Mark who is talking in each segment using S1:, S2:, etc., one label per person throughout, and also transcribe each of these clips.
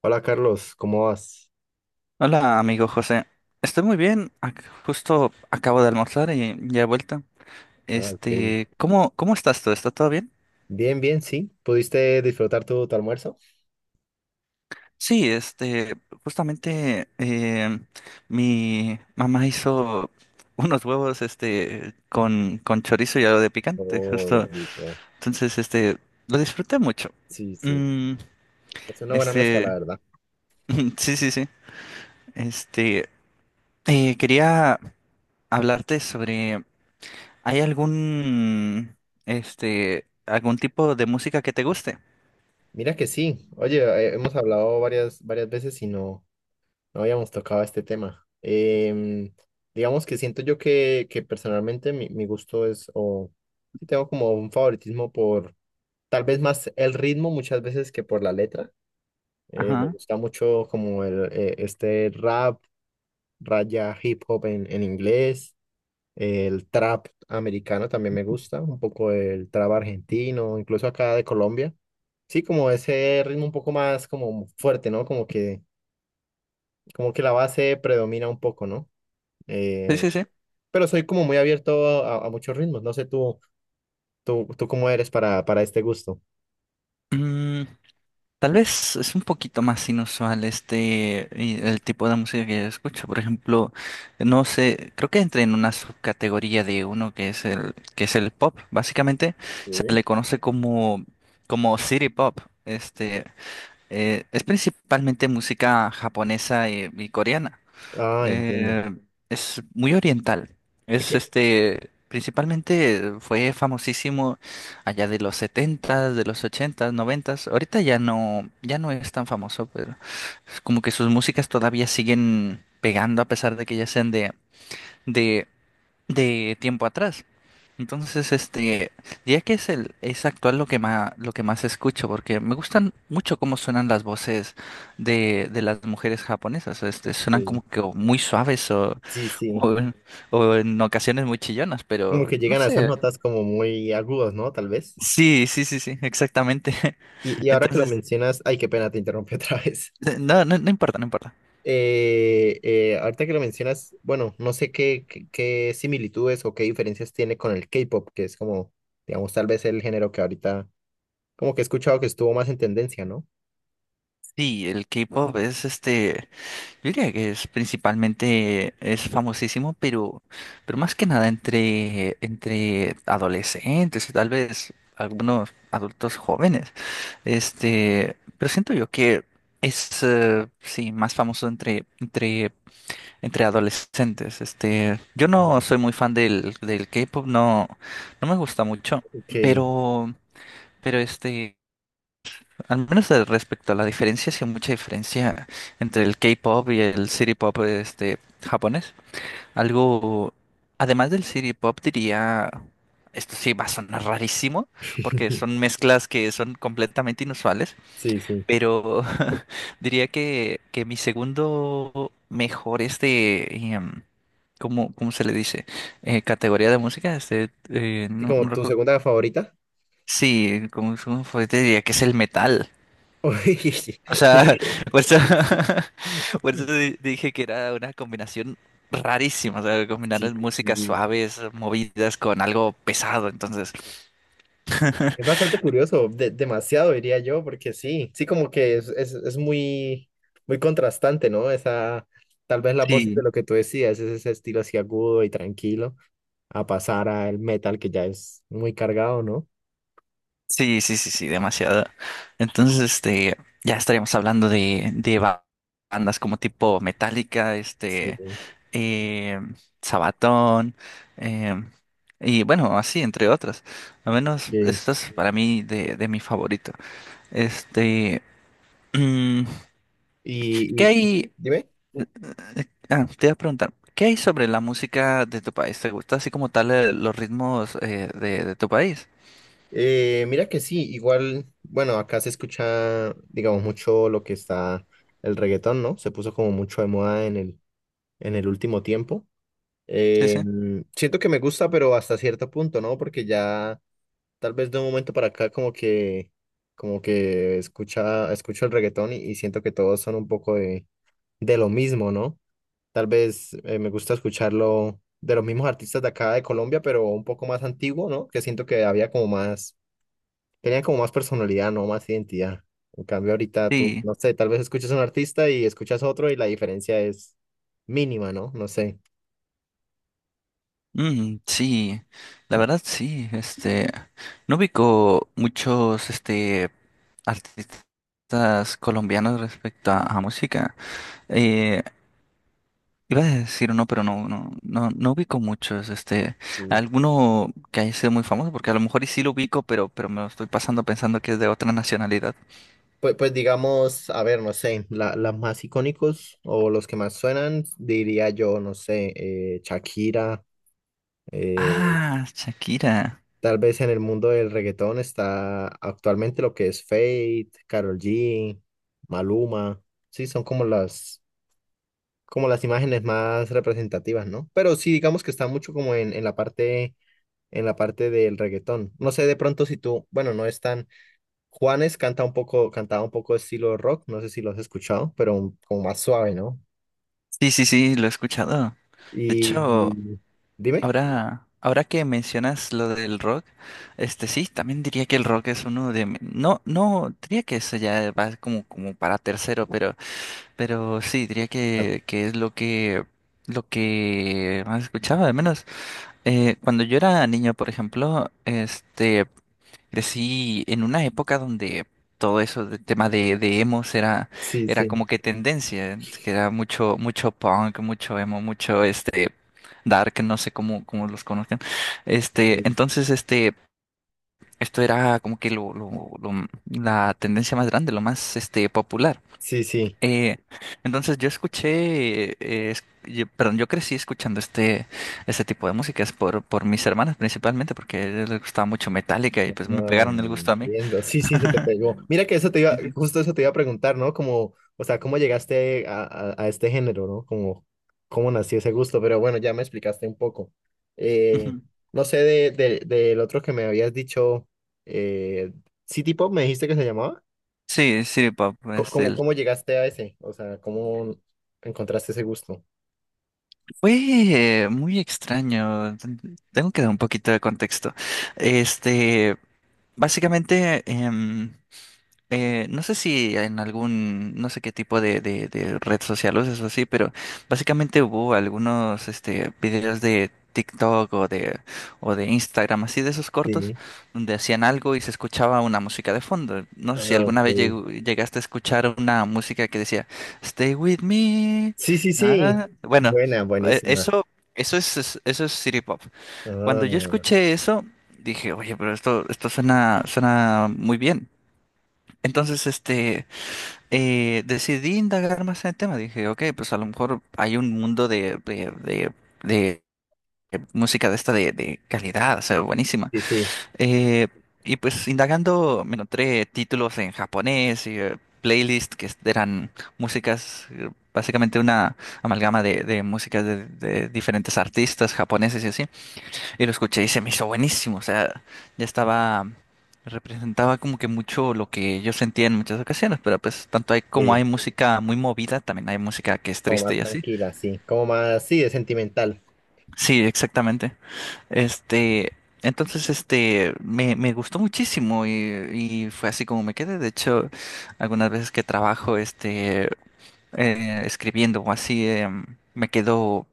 S1: Hola Carlos, ¿cómo vas?
S2: Hola, amigo José. Estoy muy bien. Justo acabo de almorzar y ya he vuelto.
S1: Ah, ok.
S2: ¿Cómo estás tú? ¿Está todo bien?
S1: Bien, bien, sí. ¿Pudiste disfrutar tu almuerzo?
S2: Sí, justamente mi mamá hizo unos huevos, con chorizo y algo de picante,
S1: Oh,
S2: justo.
S1: rico.
S2: Entonces, lo disfruté mucho.
S1: Sí, sí.
S2: Mm,
S1: Es una buena mezcla, la
S2: este,
S1: verdad.
S2: sí, sí, sí. Este, quería hablarte sobre. ¿Hay algún tipo de música que te guste?
S1: Mira que sí. Oye, hemos hablado varias veces y no habíamos tocado este tema. Digamos que siento yo que personalmente mi gusto es, o sí tengo como un favoritismo por tal vez más el ritmo muchas veces que por la letra. Me
S2: Ajá.
S1: gusta mucho como el, este rap, raya hip hop en inglés, el trap americano también me gusta, un poco el trap argentino, incluso acá de Colombia. Sí, como ese ritmo un poco más como fuerte, ¿no? Como que la base predomina un poco, ¿no?
S2: Sí,
S1: Eh,
S2: sí, sí.
S1: pero soy como muy abierto a muchos ritmos, no sé tú, tú cómo eres para este gusto.
S2: Mm, tal vez es un poquito más inusual y el tipo de música que yo escucho. Por ejemplo, no sé, creo que entra en una subcategoría de uno que es el pop. Básicamente se
S1: Sí.
S2: le conoce como city pop. Este, es principalmente música japonesa y coreana.
S1: Ah, entiendo.
S2: Eh, es muy oriental.
S1: Es que...
S2: Principalmente fue famosísimo allá de los setentas, de los ochentas, noventas. Ahorita ya no es tan famoso, pero es como que sus músicas todavía siguen pegando a pesar de que ya sean de de tiempo atrás. Entonces, diría que es actual lo que más escucho porque me gustan mucho cómo suenan las voces de las mujeres japonesas, suenan
S1: Sí,
S2: como que o muy suaves
S1: sí, sí.
S2: o en o en ocasiones muy chillonas,
S1: Como
S2: pero
S1: que
S2: no
S1: llegan a esas
S2: sé.
S1: notas como muy agudas, ¿no? Tal vez.
S2: Sí, sí, sí, sí, exactamente.
S1: Y ahora que lo
S2: Entonces,
S1: mencionas, ay, qué pena, te interrumpí otra vez.
S2: no, no, no importa, no importa.
S1: Ahorita que lo mencionas, bueno, no sé qué similitudes o qué diferencias tiene con el K-pop, que es como, digamos, tal vez el género que ahorita, como que he escuchado que estuvo más en tendencia, ¿no?
S2: Sí, el K-pop es. Yo diría que es principalmente, es famosísimo, pero más que nada entre adolescentes y tal vez algunos adultos jóvenes. Pero siento yo que es, sí, más famoso entre adolescentes. Yo no soy muy fan del K-pop, no, no me gusta mucho,
S1: Ok,
S2: pero, pero. Al menos respecto a la diferencia, sí hay mucha diferencia entre el K-pop y el city pop japonés. Algo, además del city pop, diría, esto sí va a sonar rarísimo, porque son mezclas que son completamente inusuales,
S1: sí, sí.
S2: pero diría que mi segundo mejor ¿cómo se le dice? Categoría de música,
S1: ¿Y
S2: no,
S1: como
S2: no
S1: tu
S2: recuerdo.
S1: segunda favorita?
S2: Sí, como fue, te diría que es el metal.
S1: Uy,
S2: O
S1: mira
S2: sea, por
S1: que...
S2: eso, por eso dije que era una combinación rarísima, o sea, combinar
S1: Sí, sí,
S2: músicas
S1: sí.
S2: suaves, movidas con algo pesado, entonces,
S1: Es bastante curioso, de- demasiado diría yo, porque sí, sí como que es, es muy, muy contrastante, ¿no? Esa, tal vez las voces de
S2: sí,
S1: lo que tú decías, es ese estilo así agudo y tranquilo, a pasar al metal que ya es muy cargado, ¿no?
S2: sí, sí, sí, sí, demasiado. Entonces, ya estaríamos hablando de, bandas como tipo Metallica,
S1: Sí,
S2: eh, Sabaton, eh, y bueno, así, entre otras. Al menos,
S1: sí.
S2: esto es para mí de mi favorito. Este, mm,
S1: Y
S2: ¿Qué hay?
S1: dime,
S2: Ah, te iba a preguntar, ¿qué hay sobre la música de tu país? ¿Te gusta así como tal los ritmos de tu país?
S1: mira que sí, igual, bueno, acá se escucha, digamos, mucho lo que está el reggaetón, ¿no? Se puso como mucho de moda en el último tiempo.
S2: Sí,
S1: Eh,
S2: sí.
S1: Siento que me gusta, pero hasta cierto punto, ¿no? Porque ya tal vez de un momento para acá como que escucho el reggaetón y siento que todos son un poco de lo mismo, ¿no? Tal vez me gusta escucharlo de los mismos artistas de acá de Colombia, pero un poco más antiguo, ¿no? Que siento que había como más, tenían como más personalidad, ¿no? Más identidad. En cambio ahorita tú,
S2: Sí,
S1: no sé, tal vez escuchas a un artista y escuchas otro y la diferencia es mínima, ¿no? No sé.
S2: sí, la verdad sí, no ubico muchos, artistas colombianos respecto a música. Eh, iba a decir uno, pero no, no, no, no ubico muchos, alguno que haya sido muy famoso, porque a lo mejor y sí lo ubico, pero me lo estoy pasando pensando que es de otra nacionalidad.
S1: Pues, pues digamos, a ver, no sé, la, las más icónicos o los que más suenan, diría yo, no sé, Shakira, eh,
S2: Ah, Shakira.
S1: tal vez en el mundo del reggaetón está actualmente lo que es Fate, Karol G, Maluma, sí, son como las imágenes más representativas, ¿no? Pero sí, digamos que está mucho como en, en la parte del reggaetón. No sé de pronto si tú, bueno, no están... Juanes canta un poco, cantaba un poco de estilo rock, no sé si lo has escuchado, pero un... como más suave, ¿no?
S2: Sí, sí, sí, lo he escuchado. De
S1: Y
S2: hecho,
S1: dime.
S2: ahora que mencionas lo del rock, sí, también diría que el rock es uno no, no, diría que eso ya va como, como para tercero, pero sí, diría
S1: Ah,
S2: que es lo que más escuchaba, al menos. Cuando yo era niño, por ejemplo, Crecí en una época donde todo eso de tema de emos era,
S1: sí,
S2: era
S1: sí,
S2: como que tendencia, ¿eh? Que era mucho, mucho punk, mucho emo, mucho dark, no sé cómo los conozcan. Este,
S1: sí,
S2: entonces, este, esto era como que la tendencia más grande, lo más popular.
S1: sí, sí.
S2: Eh, entonces yo escuché, perdón, yo crecí escuchando este tipo de músicas por mis hermanas principalmente, porque a ellas les gustaba mucho Metallica y
S1: Ah,
S2: pues me pegaron el gusto a mí.
S1: entiendo. Sí, sí, se te pegó. Mira que eso te iba,
S2: Ujú.
S1: justo eso te iba a preguntar, ¿no? Como, o sea, ¿cómo llegaste a este género, ¿no? Como, ¿cómo nació ese gusto? Pero bueno, ya me explicaste un poco.
S2: Sí,
S1: Eh,
S2: Ujú.
S1: no sé de- del otro que me habías dicho, eh, City Pop, me dijiste que se llamaba.
S2: Sí, City Pop,
S1: Co- ¿Cómo, cómo llegaste a ese? O sea, ¿cómo encontraste ese gusto?
S2: fue muy extraño. Tengo que dar un poquito de contexto. Este, básicamente, no sé si en no sé qué tipo de red social uses o así, pero básicamente hubo algunos videos de TikTok o de Instagram, así de esos cortos,
S1: Sí.
S2: donde hacían algo y se escuchaba una música de fondo. No sé si
S1: Ah,
S2: alguna
S1: ok.
S2: vez llegaste a escuchar una música que decía, Stay with me.
S1: Sí, sí,
S2: Na, na,
S1: sí.
S2: na". Bueno,
S1: Buena,
S2: eh,
S1: buenísima.
S2: eso, eso es City Pop. Cuando yo
S1: Ah,
S2: escuché eso, dije, oye, pero esto suena, suena muy bien. Entonces, decidí indagar más en el tema. Dije, ok, pues a lo mejor hay un mundo de música de esta de calidad, o sea, buenísima.
S1: sí, sí,
S2: Eh, y pues indagando me encontré títulos en japonés y playlists que eran músicas, básicamente una amalgama de músicas de diferentes artistas japoneses y así. Y lo escuché y se me hizo buenísimo. O sea, ya estaba, representaba como que mucho lo que yo sentía en muchas ocasiones, pero pues tanto hay como hay
S1: sí.
S2: música muy movida, también hay música que es
S1: Como
S2: triste
S1: más
S2: y así.
S1: tranquila, sí. Como más, sí, es sentimental.
S2: Sí, exactamente. Este, me gustó muchísimo y fue así como me quedé. De hecho, algunas veces que trabajo, escribiendo o así, me quedo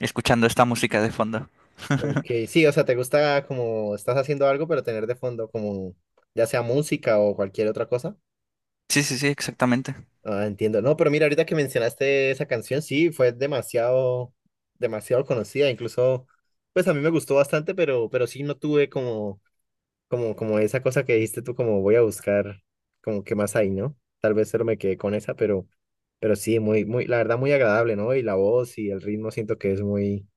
S2: escuchando esta música de fondo.
S1: Ok, sí, o sea, te gusta como estás haciendo algo, pero tener de fondo como ya sea música o cualquier otra cosa.
S2: Sí, sí, sí, exactamente.
S1: Ah, entiendo. No, pero mira, ahorita que mencionaste esa canción, sí, fue demasiado, demasiado conocida. Incluso, pues a mí me gustó bastante, pero sí no tuve como como, como esa cosa que dijiste tú, como voy a buscar, como qué más hay, ¿no? Tal vez solo me quedé con esa, pero sí, muy, muy, la verdad, muy agradable, ¿no? Y la voz y el ritmo siento que es muy,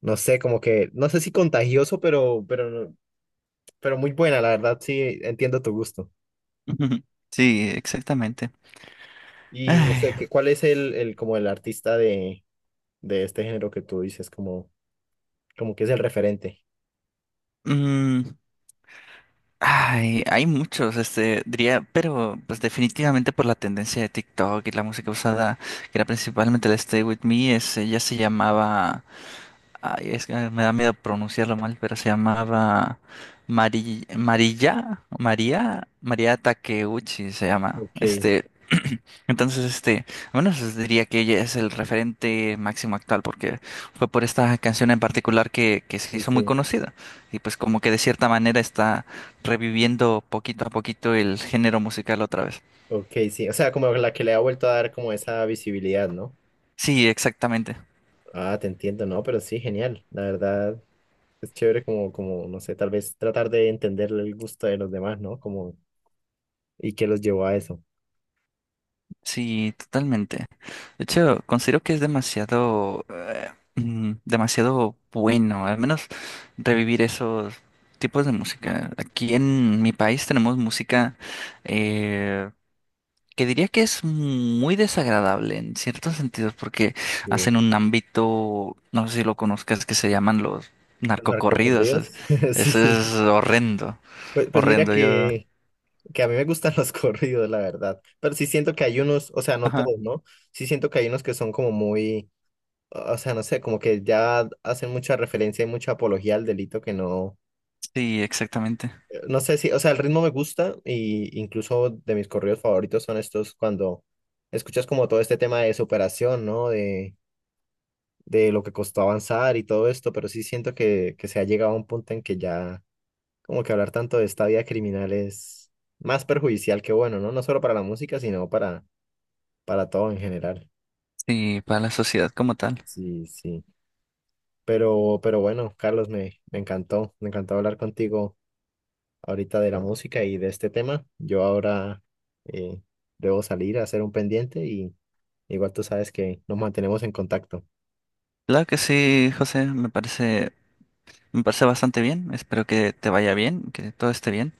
S1: no sé, como que, no sé si contagioso, pero, no... pero muy buena, la verdad, sí, entiendo tu gusto.
S2: Ujú. Sí, exactamente.
S1: Y no
S2: Ay,
S1: sé, ¿qué, cuál es como el artista de este género que tú dices, como, como que es el referente?
S2: mm, ay, hay muchos, diría, pero pues definitivamente por la tendencia de TikTok y la música usada, que era principalmente el Stay With Me, ese ya se llamaba, ay, es que me da miedo pronunciarlo mal, pero se llamaba María Takeuchi se llama.
S1: Ok, sí,
S2: Entonces, bueno, diría que ella es el referente máximo actual porque fue por esta canción en particular que se hizo muy
S1: sí.
S2: conocida y pues como que de cierta manera está reviviendo poquito a poquito el género musical otra vez.
S1: Ok, sí, o sea, como la que le ha vuelto a dar como esa visibilidad, ¿no?
S2: Sí, exactamente.
S1: Ah, te entiendo, no, pero sí, genial. La verdad, es chévere como, como, no sé, tal vez tratar de entender el gusto de los demás, ¿no? Como, y qué los llevó a eso.
S2: Sí, totalmente. De hecho, considero que es demasiado bueno, al menos revivir esos tipos de música. Aquí en mi país tenemos música eh, que diría que es muy desagradable en ciertos sentidos porque
S1: Sí.
S2: hacen un ámbito, no sé si lo conozcas, que se llaman los
S1: ¿Los
S2: narcocorridos.
S1: narcocorridos? Sí,
S2: Eso
S1: sí.
S2: es horrendo,
S1: Pues, pues mira
S2: horrendo.
S1: que a mí me gustan los corridos, la verdad. Pero sí siento que hay unos, o sea, no
S2: Ajá,
S1: todos, ¿no? Sí siento que hay unos que son como muy, o sea, no sé, como que ya hacen mucha referencia y mucha apología al delito que no.
S2: sí, exactamente.
S1: No sé si, o sea, el ritmo me gusta y incluso de mis corridos favoritos son estos cuando escuchas como todo este tema de superación, ¿no? De lo que costó avanzar y todo esto, pero sí siento que se ha llegado a un punto en que ya como que hablar tanto de esta vida criminal es más perjudicial que bueno, ¿no? No solo para la música, sino para todo en general.
S2: Sí, para la sociedad como tal.
S1: Sí, sí. Pero bueno, Carlos, me, me encantó hablar contigo ahorita de la música y de este tema. Yo ahora eh, debo salir a hacer un pendiente y igual tú sabes que nos mantenemos en contacto.
S2: Claro que sí, José, me parece bastante bien. Espero que te vaya bien, que todo esté bien.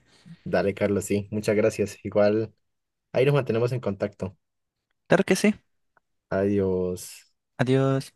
S1: Dale, Carlos, sí, muchas gracias. Igual ahí nos mantenemos en contacto.
S2: Claro que sí.
S1: Adiós.
S2: Adiós.